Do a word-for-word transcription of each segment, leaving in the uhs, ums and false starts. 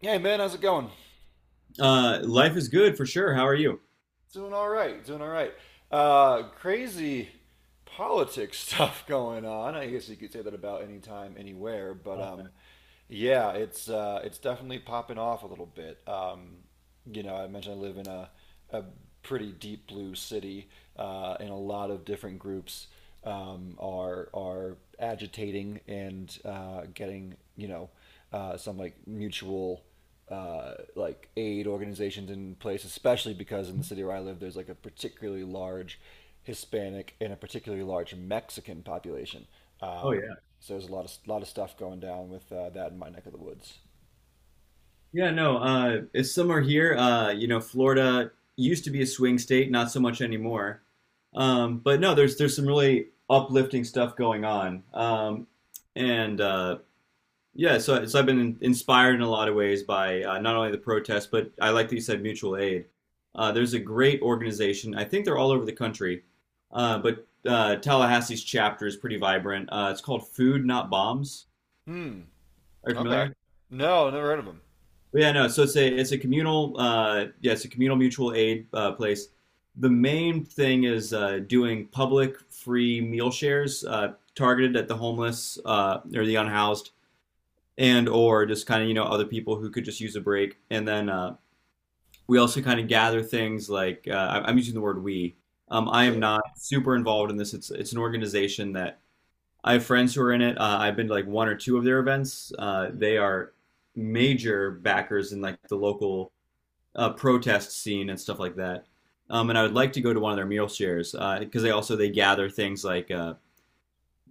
Hey man, how's it going? Uh, life is good for sure. How are you? Doing all right, doing all right. Uh, crazy politics stuff going on. I guess you could say that about any time, anywhere. But um, yeah, it's uh, it's definitely popping off a little bit. Um, you know, I mentioned I live in a a pretty deep blue city, uh, and a lot of different groups um, are are agitating and uh, getting you know uh, some like mutual uh, like aid organizations in place, especially because in the city where I live, there's like a particularly large Hispanic and a particularly large Mexican population. Oh Um, yeah. so there's a lot of lot of stuff going down with uh, that in my neck of the woods. Yeah, no, uh, it's summer here. Uh, you know, Florida used to be a swing state, not so much anymore. Um, but no, there's there's some really uplifting stuff going on. Um, and uh, Yeah, so so I've been in- inspired in a lot of ways by uh, not only the protests, but I like that you said mutual aid. Uh, there's a great organization. I think they're all over the country, uh, but uh, Tallahassee's chapter is pretty vibrant. Uh, it's called Food Not Bombs. Hmm. Are you Okay. familiar? No, never heard of them. Yeah, no. So it's a it's a communal uh yeah, it's a communal mutual aid uh, place. The main thing is uh, doing public free meal shares uh, targeted at the homeless uh, or the unhoused and or just kind of you know other people who could just use a break. And then uh, we also kind of gather things like uh, I- I'm using the word we. Um, I am Sure. not super involved in this. It's it's an organization that I have friends who are in it. Uh, I've been to like one or two of their events. Uh, they are major backers in like the local uh, protest scene and stuff like that. Um, and I would like to go to one of their meal shares because uh, they also they gather things like uh,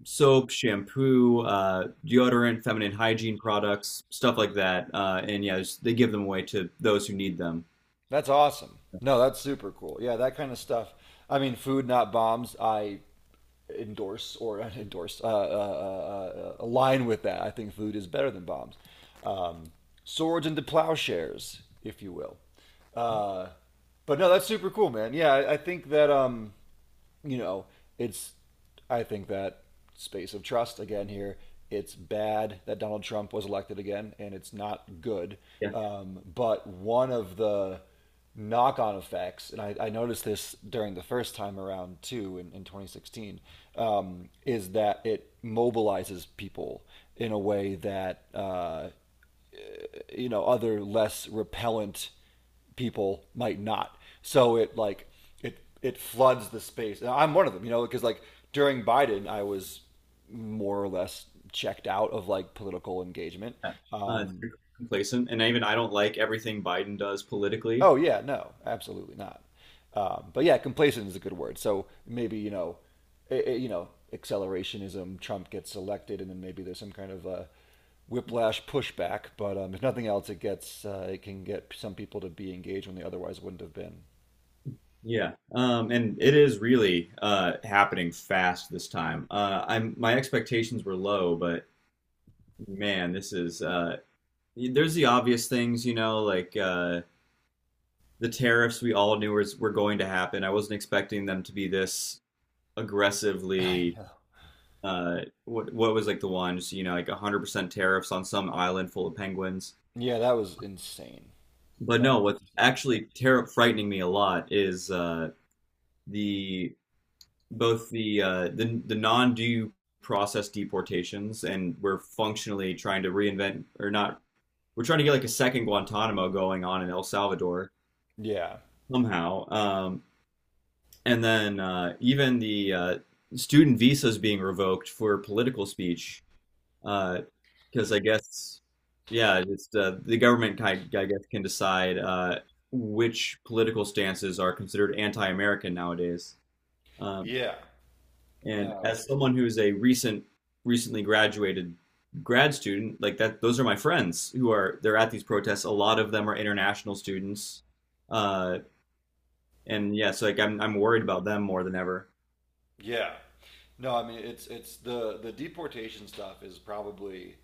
soap, shampoo, uh, deodorant, feminine hygiene products, stuff like that. Uh, and yeah, just- they give them away to those who need them. That's awesome. No, that's super cool. Yeah, that kind of stuff. I mean, food not bombs. I endorse or endorse uh, uh, uh, uh, uh, align with that. I think food is better than bombs. Um, swords into plowshares, if you will. Uh, but no, that's super cool, man. Yeah, I, I think that um, you know, it's I think that space of trust again here. It's bad that Donald Trump was elected again, and it's not good. Yeah, Um, but one of the knock-on effects, and I, I noticed this during the first time around too in, in twenty sixteen, um, is that it mobilizes people in a way that uh, you know other less repellent people might not. So it like it it floods the space. And I'm one of them, you know, because like during Biden, I was more or less checked out of like political engagement. yeah. uh, it's Um, pretty complacent. And even I don't like everything Biden does politically. Oh yeah, no, absolutely not. Um, but yeah, complacent is a good word. So maybe you know, i i you know, accelerationism. Trump gets elected, and then maybe there's some kind of a whiplash pushback. But um, if nothing else, it gets uh, it can get some people to be engaged when they otherwise wouldn't have been. Yeah, um, and it is really uh, happening fast this time. Uh, I'm my expectations were low, but man, this is uh, There's the obvious things, you know, like uh, the tariffs we all knew was, were going to happen. I wasn't expecting them to be this I aggressively. know. Uh, what what was like the ones, you know, like one hundred percent tariffs on some island full of penguins. Yeah, that was insane. But That no, was what's insane. actually tariff frightening me a lot is uh, the both the uh, the the non-due process deportations, and we're functionally trying to reinvent or not. We're trying to get like a second Guantanamo going on in El Salvador Yeah. somehow. Um, And then uh, Even the uh, student visas being revoked for political speech, because I guess, yeah, it's uh, the government kind, I guess, can decide uh, which political stances are considered anti-American nowadays. Um, Yeah. and No. as someone who is a recent, recently graduated grad student, like that, those are my friends who are they're at these protests. A lot of them are international students, uh, and yeah, so like I'm I'm worried about them more than ever. Yeah. No, I mean it's it's the the deportation stuff is probably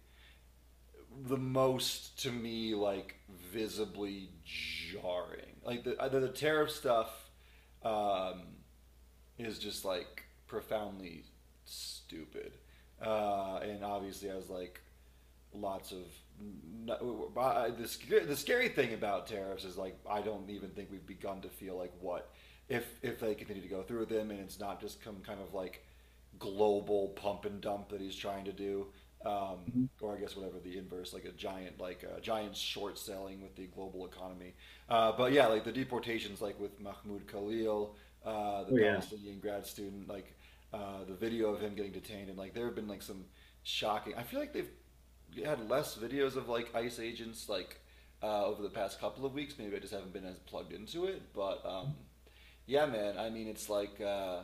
the most to me like visibly jarring. Like the uh, the, the tariff stuff um, is just like profoundly stupid, uh, and obviously has like lots of the the scary thing about tariffs is like I don't even think we've begun to feel like what if if they continue to go through with them and it's not just come kind of like global pump and dump that he's trying to do, um, Mhm. or I guess whatever the inverse, like a giant like a giant short selling with the global economy. Uh, but yeah, like the deportations, like with Mahmoud Khalil, uh, the Oh yeah. Palestinian grad student, like uh, the video of him getting detained, and like there have been like some shocking. I feel like they've had less videos of like ICE agents like uh, over the past couple of weeks. Maybe I just haven't been as plugged into it, but um, yeah, man. I mean, it's like uh,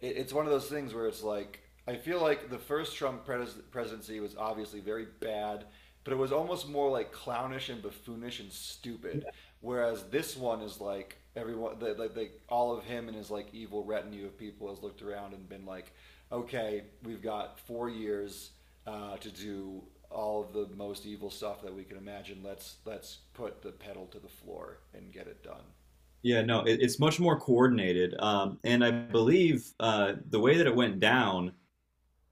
it, it's one of those things where it's like I feel like the first Trump pres- presidency was obviously very bad, but it was almost more like clownish and buffoonish and stupid. Yeah, Whereas this one is like everyone, the, like the, all of him and his like evil retinue of people has looked around and been like, okay, we've got four years uh, to do all of the most evil stuff that we can imagine. Let's let's put the pedal to the floor and get it done. yeah, no, it, it's much more coordinated. Um, and I believe uh, the way that it went down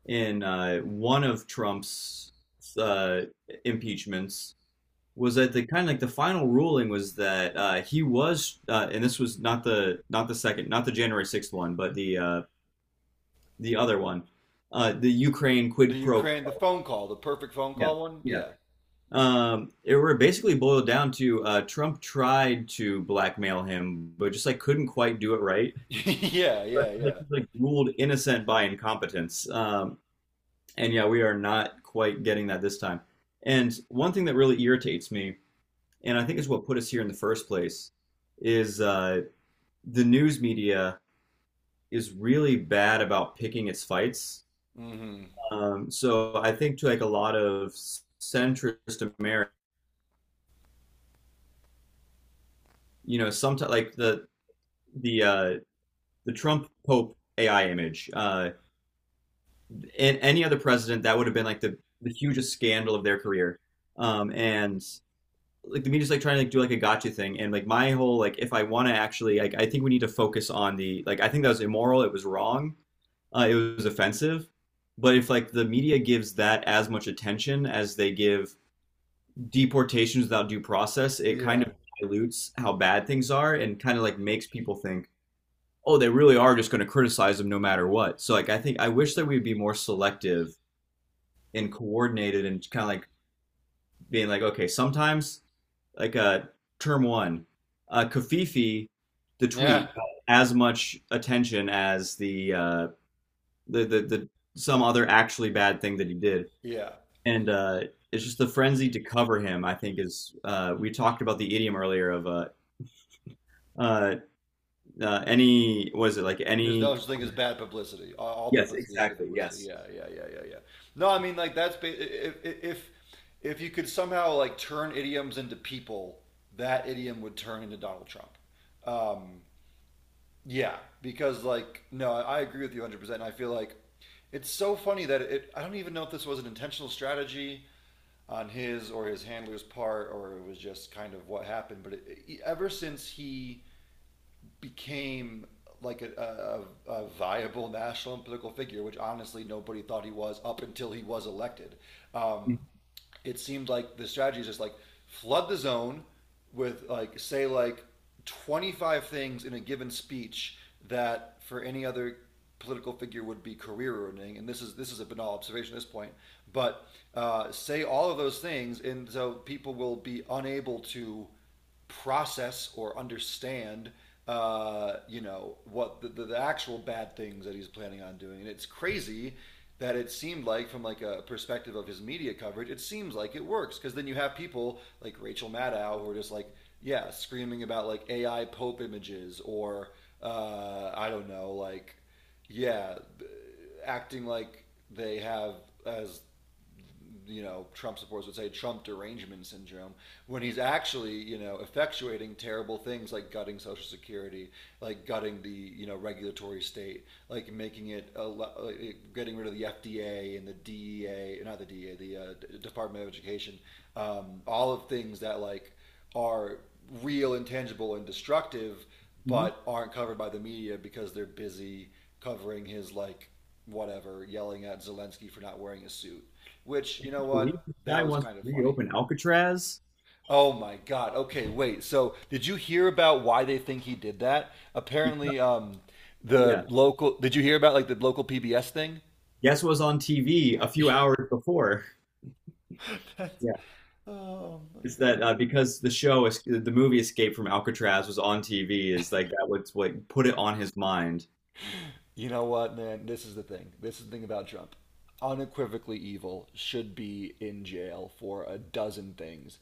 in uh, one of Trump's uh, impeachments was that the kind of like the final ruling was that uh, he was, uh, and this was not the not the second, not the January sixth one, but the uh, the other one, uh, the Ukraine The quid pro. Ukraine, the phone call, the perfect phone Yeah, call one. yeah. Yeah, Um, it were basically boiled down to uh, Trump tried to blackmail him, but just like couldn't quite do it right. yeah, yeah, like, yeah. like ruled innocent by incompetence. Um, and yeah, we are not quite getting that this time. And one thing that really irritates me, and I think is what put us here in the first place, is uh, the news media is really bad about picking its fights. Hmm. Um, so I think to like a lot of centrist America, you know, sometimes like the the uh, the Trump Pope A I image. Uh, in any other president, that would have been like the, the hugest scandal of their career. Um, and like the media's like trying to like, do like a gotcha thing. And like my whole like, if I want to actually, like, I think we need to focus on the like. I think that was immoral. It was wrong. Uh, it was offensive. But if like the media gives that as much attention as they give deportations without due process, it kind Yeah, of dilutes how bad things are and kind of like makes people think, oh, they really are just going to criticize them no matter what. So like I think I wish that we'd be more selective and coordinated and kind of like being like, okay, sometimes like uh term one, uh Kafifi, the yeah, tweet got as much attention as the uh the the, the some other actually bad thing that he did. yeah. And uh it's just the frenzy to cover him, I think is uh we talked about the idiom earlier of uh uh, uh any was it like There's any no such thing as bad publicity. All, all yes publicity is good exactly publicity. yes. Yeah, yeah, yeah, yeah, yeah. No, I mean like that's ba- if if if you could somehow like turn idioms into people, that idiom would turn into Donald Trump. Um, yeah, because like no, I agree with you one hundred percent. And I feel like it's so funny that it. I don't even know if this was an intentional strategy on his or his handler's part, or it was just kind of what happened. But it, ever since he became like a, a, a viable national and political figure, which honestly nobody thought he was up until he was elected. Um, it seemed like the strategy is just like flood the zone with like say like twenty-five things in a given speech that for any other political figure would be career ruining and this is this is a banal observation at this point but uh, say all of those things and so people will be unable to process or understand uh, you know what the, the, the actual bad things that he's planning on doing and it's crazy that it seemed like from like a perspective of his media coverage it seems like it works because then you have people like Rachel Maddow who are just like yeah screaming about like AI pope images or uh, I don't know like yeah acting like they have as you know, Trump supporters would say Trump derangement syndrome, when he's actually, you know, effectuating terrible things like gutting Social Security, like gutting the, you know, regulatory state, like making it, a, like getting rid of the F D A and the D E A, not the D E A, the uh, Department of Education, um, all of things that like are real, intangible, and destructive, Mhm. but aren't covered by the media because they're busy covering his like whatever, yelling at Zelensky for not wearing a suit. Which, you Can know you believe what? this guy That was wants kind of to funny. reopen alcatraz Oh my God. Okay, wait. So, did you hear about why they think he did that? because, Apparently, um, yeah the local. Did you hear about like the local P B S thing? guess what was on T V a few hours before? That's, Yeah. oh It's my that God. uh, because the show, the movie Escape from Alcatraz was on T V, is like that was what put it on his mind. You know what, man? This is the thing. This is the thing about Trump. Unequivocally evil, should be in jail for a dozen things.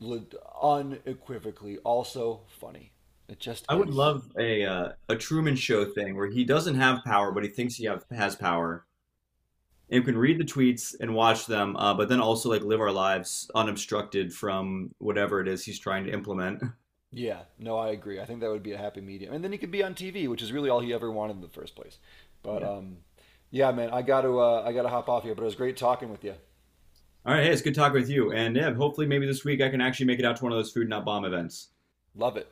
Le- Unequivocally, also funny. It just I would is. love a uh, a Truman Show thing where he doesn't have power, but he thinks he have, has power, and can read the tweets and watch them, uh, but then also like live our lives unobstructed from whatever it is he's trying to implement. Yeah, no, I agree. I think that would be a happy medium, and then he could be on T V, which is really all he ever wanted in the first place. But Yeah. um, yeah, man, I got to uh, I got to hop off here. But it was great talking with you. All right. Hey, it's good talking with you, and yeah, hopefully maybe this week I can actually make it out to one of those Food Not Bomb events. Love it.